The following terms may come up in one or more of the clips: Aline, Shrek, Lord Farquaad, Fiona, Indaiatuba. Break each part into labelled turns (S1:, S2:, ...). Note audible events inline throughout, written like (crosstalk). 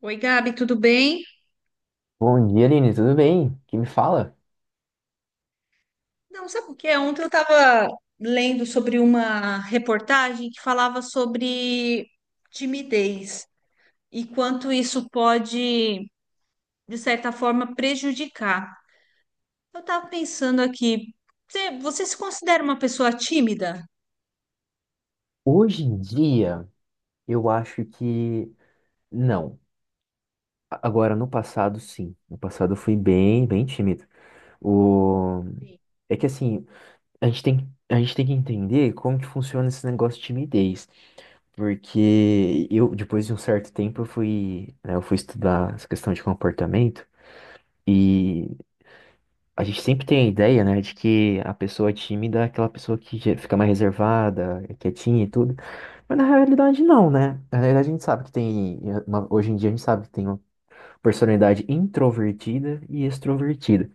S1: Oi, Gabi, tudo bem?
S2: Bom dia, Aline, tudo bem? Que me fala?
S1: Não, sabe o que é? Ontem eu estava lendo sobre uma reportagem que falava sobre timidez e quanto isso pode, de certa forma, prejudicar. Eu estava pensando aqui, você se considera uma pessoa tímida?
S2: Hoje em dia, eu acho que não. Agora, no passado, sim. No passado, eu fui bem, bem tímido. O... É que assim, a gente tem que entender como que funciona esse negócio de timidez. Porque eu, depois de um certo tempo, eu fui estudar essa questão de comportamento e a gente sempre tem a ideia, né, de que a pessoa é tímida é aquela pessoa que já fica mais reservada, é quietinha e tudo. Mas na realidade não, né? Na realidade a gente sabe que tem, hoje em dia a gente sabe que tem uma personalidade introvertida e extrovertida.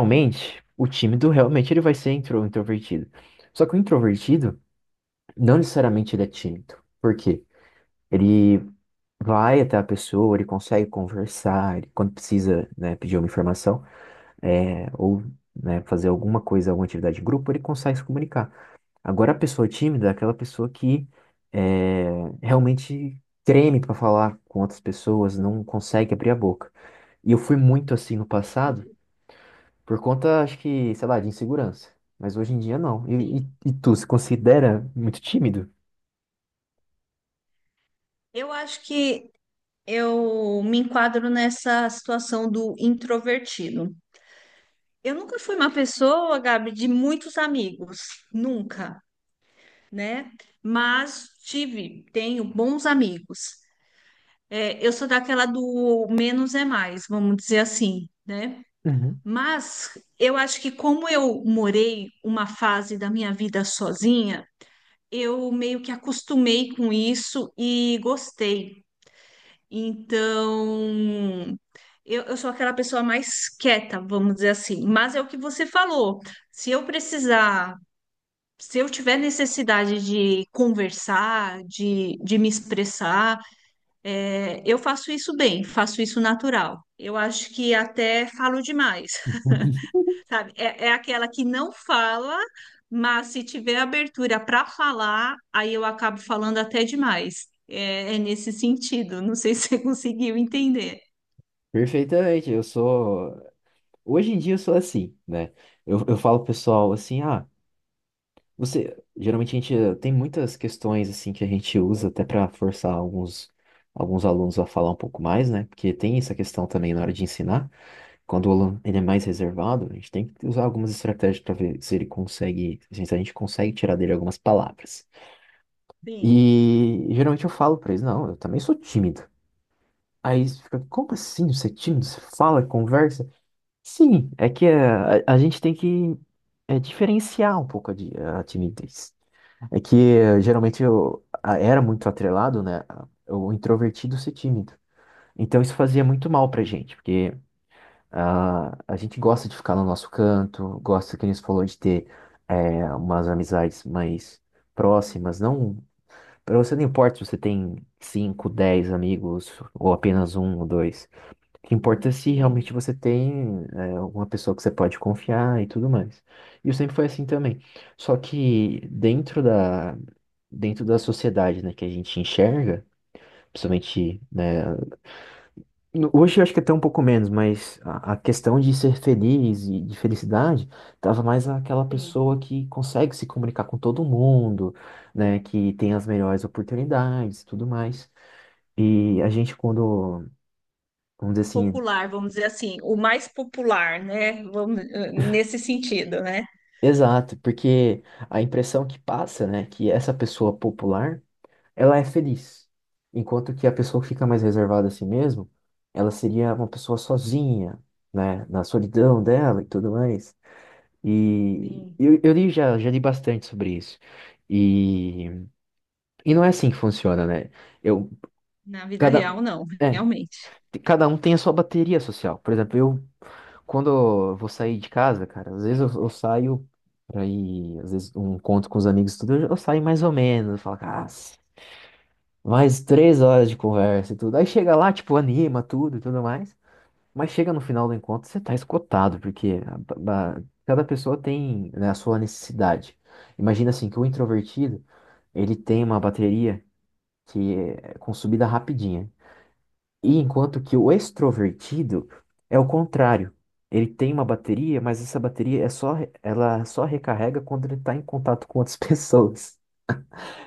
S1: Sim,
S2: o tímido realmente ele vai ser introvertido. Só que o introvertido não necessariamente ele é tímido. Por quê? Ele vai até a pessoa, ele consegue conversar, ele, quando precisa, né, pedir uma informação, ou, né, fazer alguma coisa, alguma atividade em grupo, ele consegue se comunicar. Agora, a pessoa tímida é aquela pessoa que é, realmente treme para falar com outras pessoas, não consegue abrir a boca. E eu fui muito assim no passado,
S1: entendi.
S2: por conta, acho que, sei lá, de insegurança. Mas hoje em dia não. E, e,
S1: Sim.
S2: e tu se considera muito tímido?
S1: Eu acho que eu me enquadro nessa situação do introvertido. Eu nunca fui uma pessoa, Gabi, de muitos amigos, nunca, né? Mas tive, tenho bons amigos. É, eu sou daquela do menos é mais, vamos dizer assim, né?
S2: Uhum.
S1: Mas eu acho que como eu morei uma fase da minha vida sozinha, eu meio que acostumei com isso e gostei. Então, eu sou aquela pessoa mais quieta, vamos dizer assim. Mas é o que você falou. Se eu precisar, se eu tiver necessidade de conversar, de me expressar, eu faço isso bem, faço isso natural. Eu acho que até falo demais,
S2: (laughs)
S1: (laughs) sabe? É, é aquela que não fala, mas se tiver abertura para falar, aí eu acabo falando até demais. É, é nesse sentido. Não sei (laughs) se você conseguiu entender.
S2: Perfeitamente, eu sou. Hoje em dia eu sou assim, né? Eu falo pro pessoal assim, ah. Você, geralmente a gente tem muitas questões assim que a gente usa até para forçar alguns alunos a falar um pouco mais, né? Porque tem essa questão também na hora de ensinar. Quando o aluno ele é mais reservado, a gente tem que usar algumas estratégias para ver se ele consegue, se a gente consegue tirar dele algumas palavras. E
S1: Sim,
S2: geralmente eu falo para eles, não, eu também sou tímido. Aí eles ficam, como assim você é tímido? Você fala, conversa? Sim, a gente tem que diferenciar um pouco a timidez. Geralmente era muito atrelado, né? O introvertido ser tímido. Então isso fazia muito mal pra gente, porque ah, a gente gosta de ficar no nosso canto, gosta, que a gente falou, de ter umas amizades mais próximas. Não, pra você não importa se você tem 5, 10 amigos, ou apenas um ou dois. O que importa é se
S1: sim,
S2: realmente você tem uma pessoa que você pode confiar e tudo mais. E eu sempre foi assim também. Só que dentro da sociedade, né, que a gente enxerga, principalmente, né, hoje eu acho que até um pouco menos, mas a questão de ser feliz e de felicidade tava mais aquela
S1: sim.
S2: pessoa que consegue se comunicar com todo mundo, né, que tem as melhores oportunidades e tudo mais. E a gente, quando, vamos dizer assim,
S1: Popular, vamos dizer assim, o mais popular, né? Vamos, nesse sentido, né?
S2: exato, porque a impressão que passa, né, que essa pessoa popular, ela é feliz, enquanto que a pessoa que fica mais reservada a si mesmo, ela seria uma pessoa sozinha, né, na solidão dela e tudo mais. E
S1: Sim.
S2: eu, já li bastante sobre isso. E, e não é assim que funciona, né? Eu,
S1: Na vida
S2: cada,
S1: real, não,
S2: é,
S1: realmente.
S2: cada um tem a sua bateria social. Por exemplo, eu, quando eu vou sair de casa, cara, às vezes eu saio pra ir, às vezes, um encontro com os amigos, e tudo, eu saio mais ou menos, eu falo, cara, mais 3 horas de conversa e tudo. Aí chega lá, tipo, anima tudo e tudo mais. Mas chega no final do encontro, você tá esgotado, porque cada pessoa tem, né, a sua necessidade. Imagina assim, que o introvertido, ele tem uma bateria que é consumida rapidinho. E enquanto que o extrovertido é o contrário. Ele tem uma bateria, mas essa bateria é só, ela só recarrega quando ele está em contato com outras (laughs) pessoas.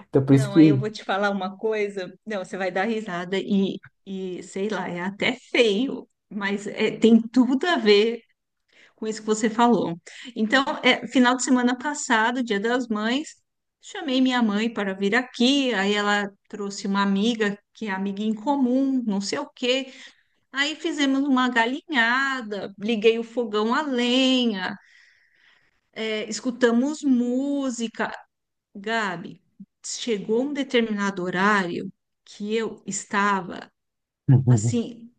S2: Então por isso
S1: Não, aí eu
S2: que.
S1: vou te falar uma coisa. Não, você vai dar risada e sei lá, é até feio, mas é, tem tudo a ver com isso que você falou. Então, final de semana passado, Dia das Mães, chamei minha mãe para vir aqui, aí ela trouxe uma amiga que é amiga em comum, não sei o quê. Aí fizemos uma galinhada, liguei o fogão a lenha, escutamos música. Gabi, chegou um determinado horário que eu estava
S2: (laughs)
S1: assim,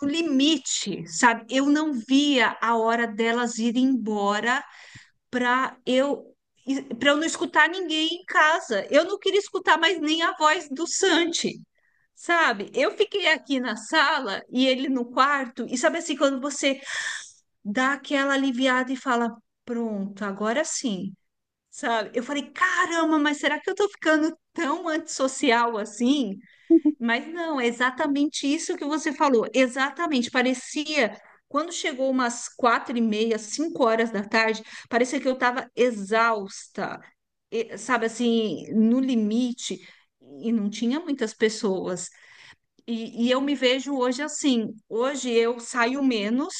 S1: no limite, sabe? Eu não via a hora delas irem embora para eu para eu não escutar ninguém em casa. Eu não queria escutar mais nem a voz do Santi, sabe? Eu fiquei aqui na sala e ele no quarto, e sabe assim, quando você dá aquela aliviada e fala, pronto, agora sim, sabe? Eu falei, caramba, mas será que eu tô ficando tão antissocial assim? Mas não, é exatamente isso que você falou. Exatamente. Parecia, quando chegou umas quatro e meia, cinco horas da tarde, parecia que eu estava exausta, sabe assim, no limite, e não tinha muitas pessoas. E eu me vejo hoje assim. Hoje eu saio menos,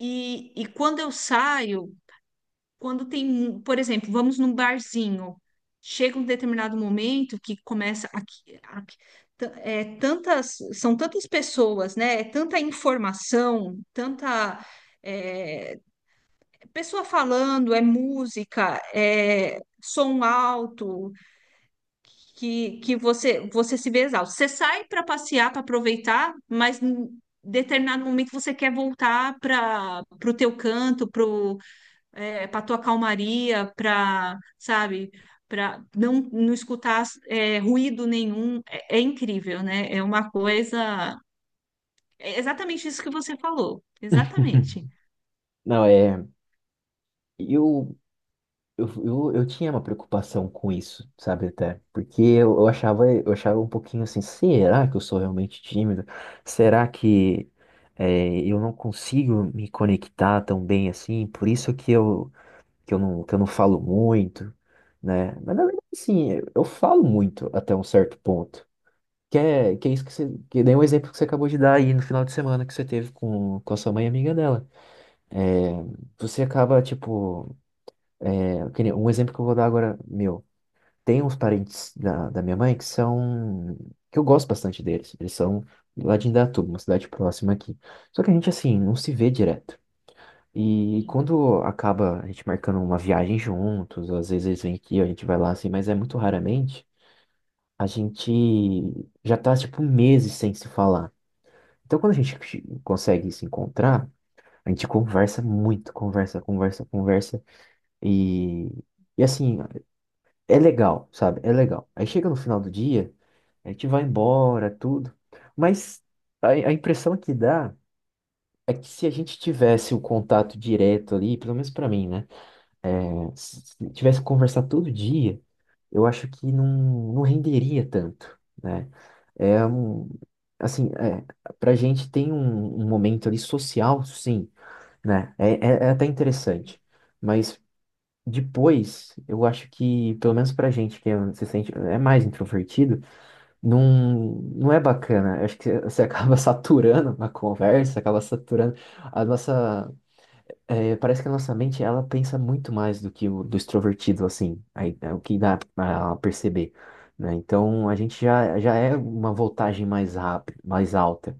S1: e quando eu saio, quando tem, por exemplo, vamos num barzinho, chega um determinado momento que começa tantas, são tantas pessoas, né? É tanta informação, tanta é, pessoa falando, é música, é som alto, que, que você se vê exausto. Você sai para passear, para aproveitar, mas em determinado momento você quer voltar para o teu canto, para tua calmaria, para, sabe, para não, não escutar ruído nenhum, é, é incrível, né? É uma coisa. É exatamente isso que você falou, exatamente.
S2: Não, é. Eu, eu tinha uma preocupação com isso, sabe, até? Porque eu, eu achava um pouquinho assim, será que eu sou realmente tímido? Será que eu não consigo me conectar tão bem assim? Por isso que eu que eu não falo muito, né? Mas na verdade, sim, eu falo muito até um certo ponto. Que é isso que você. Que nem o exemplo que você acabou de dar aí no final de semana que você teve com a sua mãe e amiga dela. É, você acaba, tipo. É, que nem um exemplo que eu vou dar agora, meu. Tem uns parentes da minha mãe que são, que eu gosto bastante deles. Eles são lá de Indaiatuba, uma cidade próxima aqui. Só que a gente, assim, não se vê direto. E
S1: Sim,
S2: quando acaba a gente marcando uma viagem juntos, às vezes eles vêm aqui, a gente vai lá assim, mas é muito raramente, a gente já tá tipo meses sem se falar. Então quando a gente consegue se encontrar, a gente conversa muito, conversa, conversa, conversa, e e assim, é legal, sabe? É legal. Aí chega no final do dia, a gente vai embora, tudo, mas a impressão que dá é que se a gente tivesse o contato direto ali, pelo menos pra mim, né? Se tivesse que conversar todo dia, eu acho que não, não renderia tanto, né? É um, assim, é, pra gente tem um, um momento ali social, sim, né? É até
S1: sim.
S2: interessante, mas depois, eu acho que, pelo menos pra gente que é- se sente, é mais introvertido, não, não é bacana. Eu acho que você acaba (laughs) saturando a conversa, acaba saturando a nossa é, parece que a nossa mente ela pensa muito mais do que o do extrovertido, assim, aí, é o que dá a perceber, né? Então a gente já é uma voltagem mais rápida, mais alta.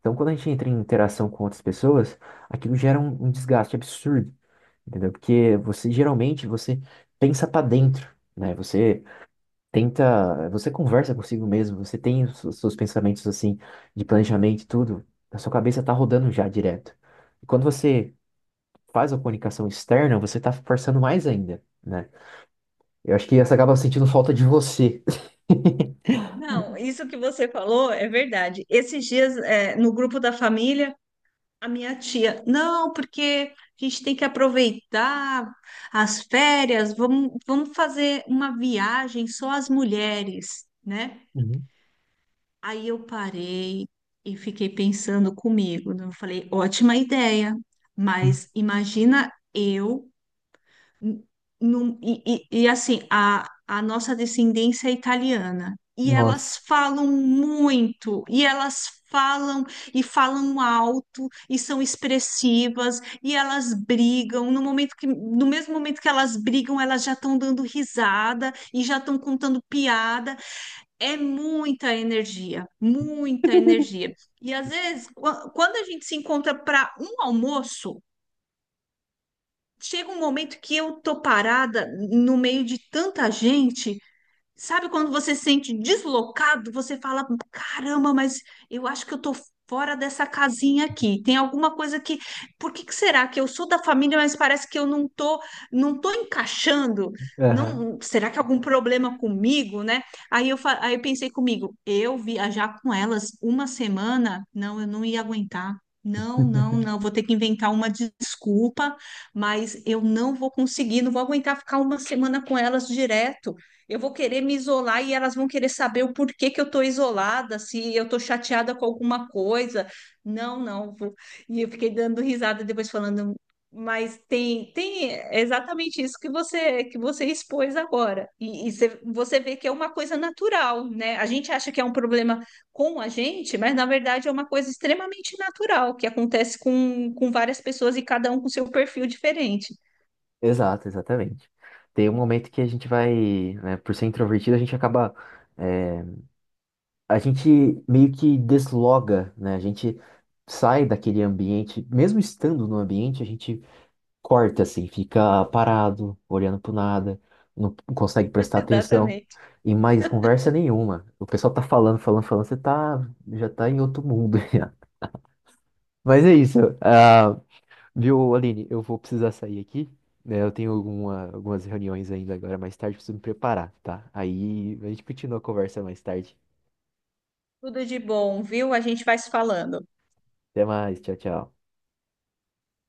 S2: Então quando a gente entra em interação com outras pessoas, aquilo gera um desgaste absurdo, entendeu? Porque você geralmente você pensa para dentro, né? Você tenta, você conversa consigo mesmo, você tem os seus pensamentos assim de planejamento e tudo, a sua cabeça tá rodando já direto. E quando você faz a comunicação externa, você tá forçando mais ainda, né? Eu acho que essa acaba sentindo falta de você. (laughs)
S1: Não, isso que você falou é verdade. Esses dias, no grupo da família, a minha tia, não, porque a gente tem que aproveitar as férias, vamos, vamos fazer uma viagem só as mulheres, né?
S2: Uhum.
S1: Aí eu parei e fiquei pensando comigo, né? Eu falei, ótima ideia, mas imagina eu n- e, e assim, a nossa descendência é italiana. E
S2: Nossa.
S1: elas falam muito, e elas falam e falam alto, e são expressivas, e elas brigam. No momento que, no mesmo momento que elas brigam, elas já estão dando risada e já estão contando piada. É muita energia, muita energia. E às vezes, quando a gente se encontra para um almoço, chega um momento que eu tô parada no meio de tanta gente. Sabe quando você se sente deslocado, você fala, caramba, mas eu acho que eu tô fora dessa casinha aqui. Tem alguma coisa que, por que que será que eu sou da família, mas parece que eu não tô, não tô encaixando?
S2: Aham.
S1: Não, será que é algum problema comigo, né? Aí eu pensei comigo, eu viajar com elas uma semana, não, eu não ia aguentar. Não, não, não,
S2: (laughs)
S1: vou ter que inventar uma desculpa, mas eu não vou conseguir, não vou aguentar ficar uma semana com elas direto. Eu vou querer me isolar e elas vão querer saber o porquê que eu estou isolada, se eu estou chateada com alguma coisa. Não, não. E eu fiquei dando risada depois falando, mas tem, tem exatamente isso que você expôs agora. E, e você vê que é uma coisa natural, né? A gente acha que é um problema com a gente, mas na verdade é uma coisa extremamente natural que acontece com várias pessoas e cada um com seu perfil diferente.
S2: Exato, exatamente. Tem um momento que a gente vai, né, por ser introvertido, a gente acaba, é, a gente meio que desloga, né? A gente sai daquele ambiente, mesmo estando no ambiente, a gente corta assim, fica parado, olhando pro nada, não consegue prestar atenção.
S1: (laughs) Exatamente.
S2: E mais conversa nenhuma. O pessoal tá falando, falando, falando, você tá, já tá em outro mundo. (laughs) Já. Mas é isso. Ah, viu, Aline, eu vou precisar sair aqui, né? Eu tenho algumas reuniões ainda agora mais tarde, preciso me preparar, tá? Aí a gente continua a conversa mais tarde.
S1: Tudo de bom, viu? A gente vai se falando.
S2: Até mais, tchau, tchau.